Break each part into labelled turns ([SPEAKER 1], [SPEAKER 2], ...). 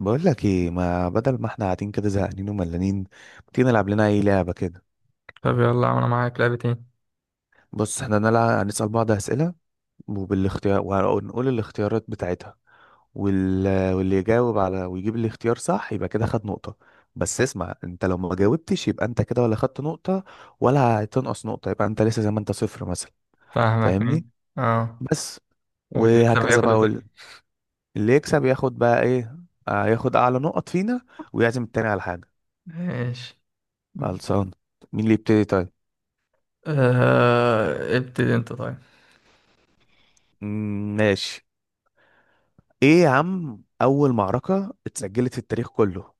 [SPEAKER 1] بقول لك ايه، ما بدل ما احنا قاعدين كده زهقانين وملانين، ما تيجي نلعب لنا اي لعبه كده؟
[SPEAKER 2] طب يلا يا عم، انا معاك لعبتين.
[SPEAKER 1] بص احنا نلعب، هنسال بعض اسئله وبالاختيار ونقول الاختيارات بتاعتها وال... واللي يجاوب على ويجيب الاختيار صح يبقى كده خد نقطه. بس اسمع، انت لو ما جاوبتش يبقى انت كده ولا خدت نقطه ولا هتنقص نقطه، يبقى انت لسه زي ما انت صفر مثلا.
[SPEAKER 2] فاهمك
[SPEAKER 1] فاهمني.
[SPEAKER 2] مين؟ اه.
[SPEAKER 1] بس.
[SPEAKER 2] واللي يكسب
[SPEAKER 1] وهكذا
[SPEAKER 2] هياخد
[SPEAKER 1] بقى
[SPEAKER 2] التاني.
[SPEAKER 1] اللي يكسب ياخد بقى ايه. ياخد اعلى نقط فينا ويعزم التاني على حاجه.
[SPEAKER 2] ماشي.
[SPEAKER 1] خلصان. مين اللي يبتدي طيب؟
[SPEAKER 2] ابتدي انت طيب.
[SPEAKER 1] ماشي. ايه يا عم، اول معركة اتسجلت في التاريخ كله؟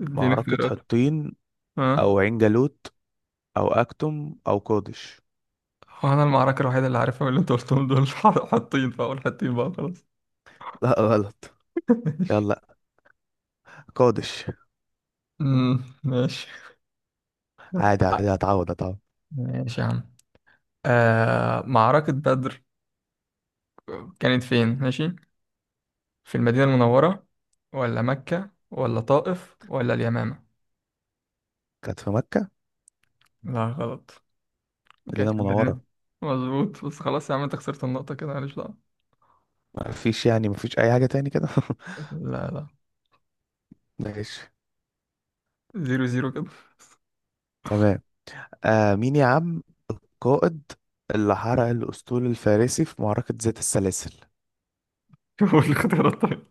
[SPEAKER 2] اديني
[SPEAKER 1] معركة
[SPEAKER 2] اختيارات.
[SPEAKER 1] حطين
[SPEAKER 2] اه.
[SPEAKER 1] او عين جالوت او اكتم او قادش؟
[SPEAKER 2] هو انا المعركة الوحيدة اللي عارفها من اللي انت قلتهم دول حاطين، فاقول حاطين بقى خلاص.
[SPEAKER 1] لا غلط. يلا، قادش.
[SPEAKER 2] ماشي.
[SPEAKER 1] عادي عادي، هتعوض هتعوض.
[SPEAKER 2] ماشي يا عم. معركة بدر. كانت فين؟ ماشي. في المدينة المنورة، ولا مكة، ولا طائف، ولا اليمامة؟
[SPEAKER 1] كانت في مكة،
[SPEAKER 2] لا غلط. كان
[SPEAKER 1] مدينة
[SPEAKER 2] في البداية.
[SPEAKER 1] منورة.
[SPEAKER 2] مظبوط، بس خلاص يا عم، انت خسرت النقطة كده، معلش بقى.
[SPEAKER 1] مفيش، يعني مفيش اي حاجة تاني كده.
[SPEAKER 2] لا لا.
[SPEAKER 1] ماشي،
[SPEAKER 2] زيرو زيرو كده.
[SPEAKER 1] تمام. مين يا عم؟ قائد اللي حرق الاسطول الفارسي في معركة ذات السلاسل؟
[SPEAKER 2] شوفوا الاختيارات طيب.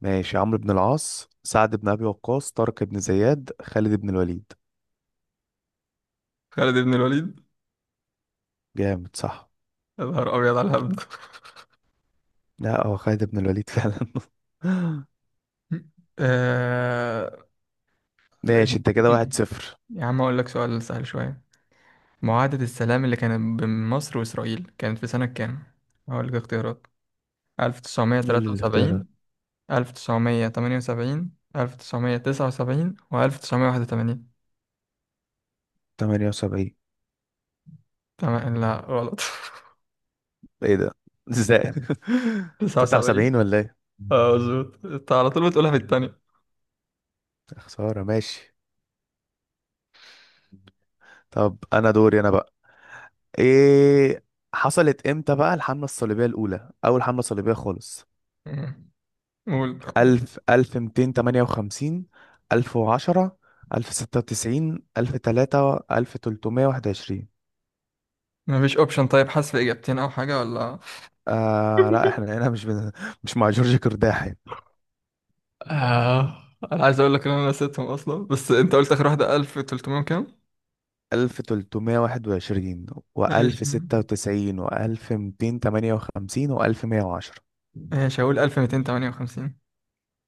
[SPEAKER 1] ماشي، عمرو بن العاص، سعد بن ابي وقاص، طارق بن زياد، خالد بن الوليد.
[SPEAKER 2] خالد بن الوليد.
[SPEAKER 1] جامد، صح.
[SPEAKER 2] يا نهار أبيض على الهبد!
[SPEAKER 1] لا، هو خالد بن الوليد فعلا.
[SPEAKER 2] آه...
[SPEAKER 1] ماشي، انت كده واحد صفر.
[SPEAKER 2] يا عم أقول لك سؤال سهل شوية. معاهدة السلام اللي كانت بين مصر وإسرائيل كانت في سنة كام؟ هقول لك اختيارات.
[SPEAKER 1] قول لي
[SPEAKER 2] 1973،
[SPEAKER 1] الاختيارات.
[SPEAKER 2] 1978، 1979، و1981؟
[SPEAKER 1] 78.
[SPEAKER 2] تمام. لا غلط.
[SPEAKER 1] ايه ده؟ ازاي؟
[SPEAKER 2] 79.
[SPEAKER 1] 79 ولا ايه؟
[SPEAKER 2] اه، مظبوط، انت على طول بتقولها في التانية.
[SPEAKER 1] خسارة. ماشي، طب انا دوري انا بقى. ايه. حصلت امتى بقى الحملة الصليبية الأولى، أول حملة صليبية خالص؟
[SPEAKER 2] مم. قول.
[SPEAKER 1] ألف ميتين تمانية وخمسين، 1010، 1096، 1321.
[SPEAKER 2] مفيش اوبشن طيب، حذف اجابتين او حاجة ولا؟
[SPEAKER 1] لا، احنا هنا مش مش مع جورج كرداحي.
[SPEAKER 2] آه. انا عايز اقول لك ان انا نسيتهم اصلا، بس انت قلت اخر واحدة 1300 كام؟
[SPEAKER 1] 1321،
[SPEAKER 2] ماشي.
[SPEAKER 1] وألف ستة وتسعين، وألف ميتين تمانية وخمسين، وألف مية وعشرة.
[SPEAKER 2] ماشي، هقول 1258.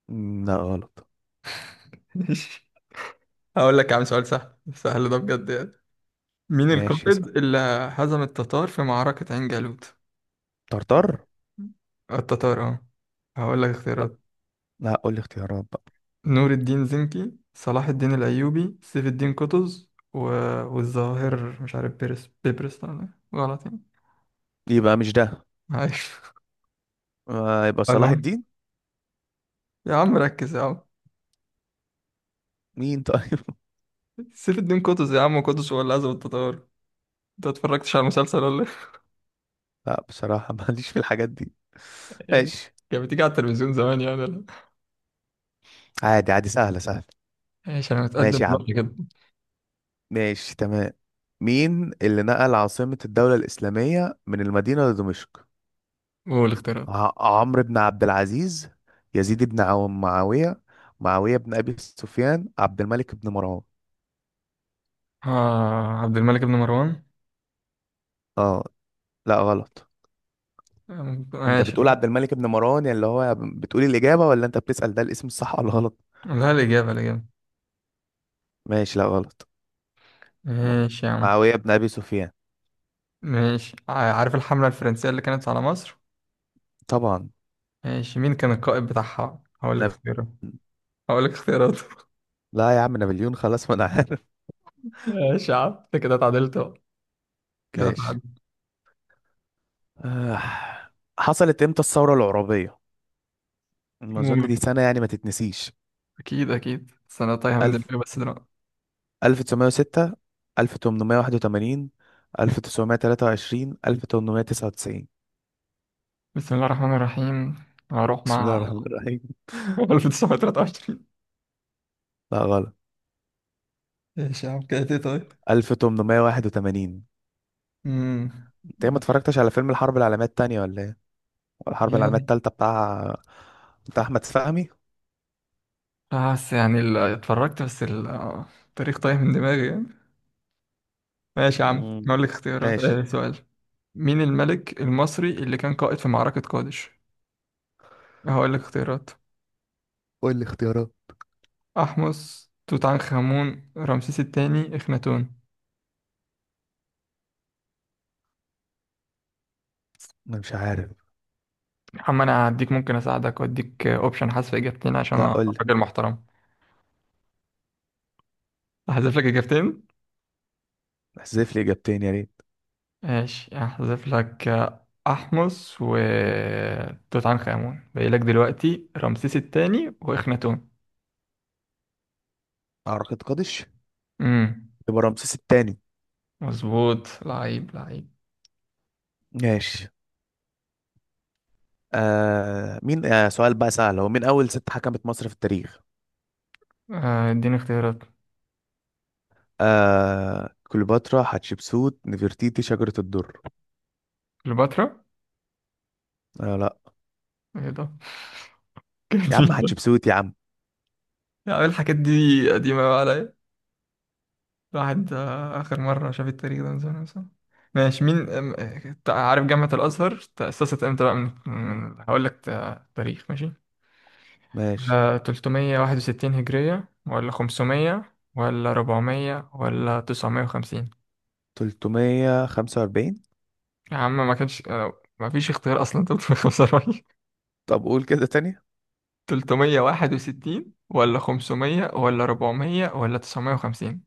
[SPEAKER 1] لا غلط.
[SPEAKER 2] ماشي. هقول لك يا عم سؤال سهل سهل ده بجد يعني. مين
[SPEAKER 1] ماشي،
[SPEAKER 2] القائد
[SPEAKER 1] اسأل.
[SPEAKER 2] اللي هزم التتار في معركة عين جالوت؟
[SPEAKER 1] طرطر.
[SPEAKER 2] التتار اه. هقول لك
[SPEAKER 1] لا
[SPEAKER 2] اختيارات.
[SPEAKER 1] لا، قول لي اختيارات بقى.
[SPEAKER 2] نور الدين زنكي، صلاح الدين الأيوبي، سيف الدين قطز، والظاهر مش عارف، بيبرس. لا، لا، غلط يعني.
[SPEAKER 1] يبقى مش ده.
[SPEAKER 2] معلش.
[SPEAKER 1] يبقى صلاح
[SPEAKER 2] أقولهم.
[SPEAKER 1] الدين.
[SPEAKER 2] يا عم ركز يا عم!
[SPEAKER 1] مين طيب؟
[SPEAKER 2] سيف الدين قطز يا عم، قطز هو اللي عزم التتار. انت اتفرجتش على المسلسل ولا؟
[SPEAKER 1] لا بصراحة ماليش في الحاجات دي.
[SPEAKER 2] إيه؟
[SPEAKER 1] ماشي،
[SPEAKER 2] كانت بتيجي على التلفزيون زمان يعني ولا؟
[SPEAKER 1] عادي عادي، سهلة سهلة.
[SPEAKER 2] ماشي، انا متقدم
[SPEAKER 1] ماشي يا عم.
[SPEAKER 2] بنقطة كده.
[SPEAKER 1] ماشي، تمام. مين اللي نقل عاصمة الدولة الإسلامية من المدينة لدمشق؟
[SPEAKER 2] قول اختيارات.
[SPEAKER 1] ع- عمرو بن عبد العزيز، يزيد بن معاوية، معاوية بن أبي سفيان، عبد الملك بن مروان.
[SPEAKER 2] اه، عبد الملك بن مروان.
[SPEAKER 1] اه. لا غلط. انت
[SPEAKER 2] ماشي
[SPEAKER 1] بتقول
[SPEAKER 2] يا
[SPEAKER 1] عبد الملك بن مروان يعني اللي هو بتقول الإجابة، ولا انت بتسأل ده الاسم الصح ولا غلط؟
[SPEAKER 2] عم. لا، الإجابة الإجابة.
[SPEAKER 1] ماشي، لا غلط. م-
[SPEAKER 2] ماشي يا عم.
[SPEAKER 1] معاوية بن أبي سفيان.
[SPEAKER 2] ماشي، عارف الحملة الفرنسية اللي كانت على مصر؟
[SPEAKER 1] طبعا.
[SPEAKER 2] ماشي، مين كان القائد بتاعها؟ هقول لك
[SPEAKER 1] نب...
[SPEAKER 2] اختيارات. هقول لك اختياراته.
[SPEAKER 1] لا يا عم، نابليون، خلاص ما انا عارف.
[SPEAKER 2] ماشي يا عم، انت كده اتعدلت بقى. كده
[SPEAKER 1] ماشي.
[SPEAKER 2] اتعدلت.
[SPEAKER 1] آه. حصلت امتى الثورة العرابية؟ ما اظن
[SPEAKER 2] قول.
[SPEAKER 1] دي سنة يعني ما تتنسيش.
[SPEAKER 2] اكيد اكيد، بس انا تايهه من دماغي بس دلوقتي.
[SPEAKER 1] 1906، 1881، 1923، 1899.
[SPEAKER 2] بسم الله الرحمن الرحيم. هروح
[SPEAKER 1] بسم الله
[SPEAKER 2] مع
[SPEAKER 1] الرحمن الرحيم.
[SPEAKER 2] 1923.
[SPEAKER 1] لا غلط.
[SPEAKER 2] ماشي يا عم كده، ايه طيب؟
[SPEAKER 1] 1881.
[SPEAKER 2] امم
[SPEAKER 1] انت إيه، ما اتفرجتش على فيلم الحرب العالمية التانية ولا ايه؟ ولا الحرب العالمية
[SPEAKER 2] يلا.
[SPEAKER 1] التالتة بتاع، بتاع احمد فهمي.
[SPEAKER 2] بس يعني اتفرجت بس التاريخ تايه من دماغي يعني. ماشي يا عم
[SPEAKER 1] مم،
[SPEAKER 2] هقول لك اختيارات،
[SPEAKER 1] ماشي.
[SPEAKER 2] سؤال. مين الملك المصري اللي كان قائد في معركة قادش؟ هقول لك اختيارات.
[SPEAKER 1] قول لي اختيارات.
[SPEAKER 2] أحمس، توت عنخ آمون، رمسيس التاني، إخناتون؟
[SPEAKER 1] انا مش عارف.
[SPEAKER 2] يا عم أنا هديك، ممكن أساعدك وأديك أوبشن حذف إجابتين عشان
[SPEAKER 1] لا
[SPEAKER 2] أنا
[SPEAKER 1] قول لي،
[SPEAKER 2] راجل محترم. أحذف لك إجابتين.
[SPEAKER 1] احذف لي اجابتين يا ريت.
[SPEAKER 2] ماشي، أحذف لك. أحمس و توت عنخ آمون. باقي لك دلوقتي رمسيس التاني وإخناتون.
[SPEAKER 1] اعتقد قادش.
[SPEAKER 2] امم
[SPEAKER 1] يبقى رمسيس التاني.
[SPEAKER 2] مظبوط، لعيب لعيب!
[SPEAKER 1] ماشي. مين، سؤال بقى سهل، هو مين اول ست حكمت مصر في التاريخ؟
[SPEAKER 2] اديني اختيارات.
[SPEAKER 1] كليوباترا، حتشبسوت، نفرتيتي، شجرة الدر.
[SPEAKER 2] كليوباترا.
[SPEAKER 1] لا.
[SPEAKER 2] ايه ده؟
[SPEAKER 1] يا عم حتشبسوت يا عم.
[SPEAKER 2] يا عم الحاجات دي قديمة بقى عليا. الواحد آخر مرة شاف التاريخ ده من زمان مثلا. ماشي، مين؟ أم- عارف جامعة الأزهر تأسست امتى بقى، هقول لك تاريخ ماشي.
[SPEAKER 1] ماشي.
[SPEAKER 2] ولا 361 هجرية، ولا 500، ولا 400، ولا 950؟
[SPEAKER 1] 345.
[SPEAKER 2] يا عم ما كانش، ما فيش اختيار أصلا. 345!
[SPEAKER 1] طب قول كده تاني.
[SPEAKER 2] 361 ولا 500 ولا 400 ولا 950؟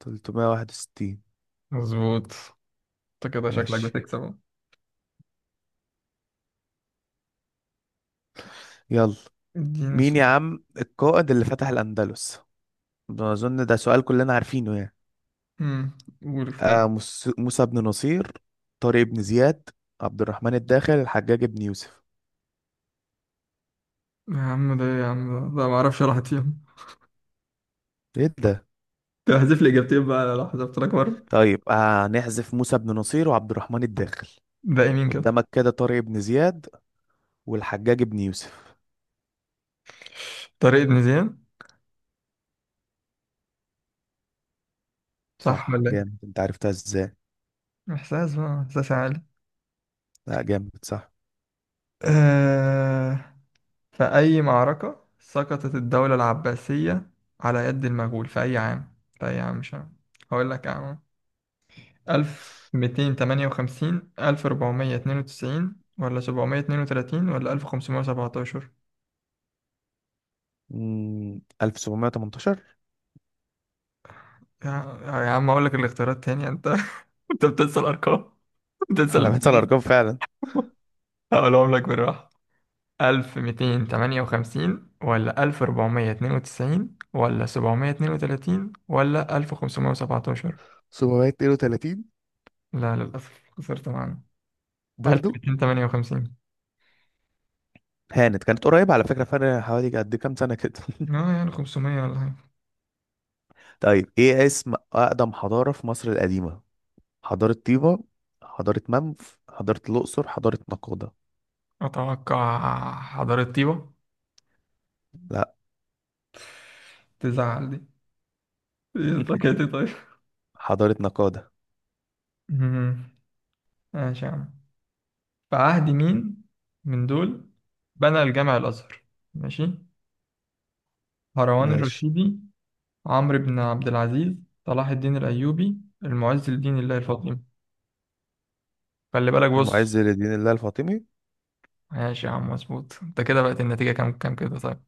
[SPEAKER 1] 361.
[SPEAKER 2] مظبوط. انت كده شكلك
[SPEAKER 1] ماشي.
[SPEAKER 2] بتكسب اهو.
[SPEAKER 1] يلا،
[SPEAKER 2] اديني
[SPEAKER 1] مين يا
[SPEAKER 2] سؤال.
[SPEAKER 1] عم القائد اللي فتح الأندلس؟ ده أظن ده سؤال كلنا عارفينه يعني.
[SPEAKER 2] قول اختيار.
[SPEAKER 1] آه، موسى بن نصير، طارق بن زياد، عبد الرحمن الداخل، الحجاج بن يوسف.
[SPEAKER 2] يا عم ده إيه يا عم! ده ما اعرفش، راحت فيهم.
[SPEAKER 1] ايه ده؟
[SPEAKER 2] طب احذف لي اجابتين بقى، لو حذفت لك مره.
[SPEAKER 1] طيب هنحذف. آه، نحذف موسى بن نصير وعبد الرحمن الداخل.
[SPEAKER 2] ده يمين كده؟
[SPEAKER 1] قدامك كده طارق بن زياد والحجاج ابن يوسف.
[SPEAKER 2] طريق ابن زيان. صح
[SPEAKER 1] صح،
[SPEAKER 2] ولا ايه؟
[SPEAKER 1] جامد، انت عرفتها ازاي؟
[SPEAKER 2] احساس بقى، احساس عالي.
[SPEAKER 1] لا جامد، صح.
[SPEAKER 2] أه... في اي معركه سقطت الدوله العباسيه على يد المغول؟ في اي عام، في اي عام مش عام. هقول لك عام. 1258، 1492 ولا 732 ولا 1517؟
[SPEAKER 1] 1718.
[SPEAKER 2] يا, يا عم، هقول لك الاختيارات تاني انت. انت بتنسى الارقام، بتنسى
[SPEAKER 1] انا بنسى
[SPEAKER 2] الاختيارات.
[SPEAKER 1] الارقام فعلا.
[SPEAKER 2] هقولهم لك بالراحة. 1258 ولا 1492 ولا 732 ولا 1517؟
[SPEAKER 1] 732.
[SPEAKER 2] لا للأسف، خسرت معانا.
[SPEAKER 1] برضو
[SPEAKER 2] 1258.
[SPEAKER 1] هانت، كانت قريبة على فكرة، فرق حوالي قد كام سنة كده.
[SPEAKER 2] اه يعني 500 ولا حاجة.
[SPEAKER 1] طيب ايه اسم أقدم حضارة في مصر القديمة؟ حضارة طيبة، حضارة منف، حضارة الأقصر، حضارة نقادة.
[SPEAKER 2] أتوقع حضارة طيبة.
[SPEAKER 1] لا.
[SPEAKER 2] تزعل دي؟ إيه طاقتي طيب.
[SPEAKER 1] حضارة نقادة.
[SPEAKER 2] مم. ماشي يا عم. في عهد مين من دول بنى الجامع الأزهر؟ ماشي. هروان
[SPEAKER 1] ماشي.
[SPEAKER 2] الرشيدي، عمرو بن عبد العزيز، صلاح الدين الأيوبي، المعز لدين الله الفاطمي؟ خلي بالك، بص.
[SPEAKER 1] المعز لدين الله الفاطمي.
[SPEAKER 2] ماشي يا عم مظبوط. انت كده بقت النتيجة كام كام كده طيب؟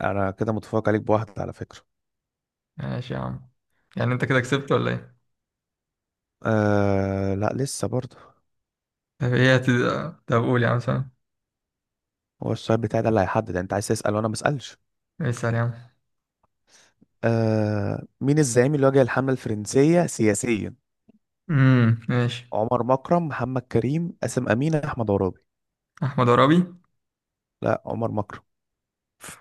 [SPEAKER 1] أنا كده متفوق عليك بواحدة على فكرة.
[SPEAKER 2] ماشي يا عم. يعني انت كده كسبت ولا ايه؟
[SPEAKER 1] لا، لسه برضه.
[SPEAKER 2] طب ايه طب قول يا عم سلام.
[SPEAKER 1] هو السؤال بتاعي ده اللي هيحدد، يعني انت عايز تسأل وانا ما اسالش؟
[SPEAKER 2] اسأل يا عم.
[SPEAKER 1] مين الزعيم اللي واجه الحملة الفرنسية سياسيا؟
[SPEAKER 2] ماشي.
[SPEAKER 1] عمر مكرم، محمد كريم، قاسم أمين، أحمد عرابي.
[SPEAKER 2] احمد عرابي.
[SPEAKER 1] لا، عمر مكرم.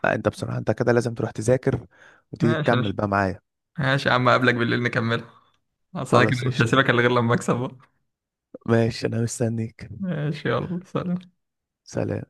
[SPEAKER 1] لا انت بصراحة انت كده لازم تروح تذاكر وتيجي
[SPEAKER 2] ماشي
[SPEAKER 1] تكمل
[SPEAKER 2] ماشي.
[SPEAKER 1] بقى معايا.
[SPEAKER 2] ماشي يا عم، اقابلك بالليل نكملها. اصل انا كده
[SPEAKER 1] خلاص،
[SPEAKER 2] مش
[SPEAKER 1] قشطة.
[SPEAKER 2] هسيبك الا غير لما اكسب بقى.
[SPEAKER 1] ماشي، انا مستنيك.
[SPEAKER 2] ماشي يلا سلام.
[SPEAKER 1] سلام.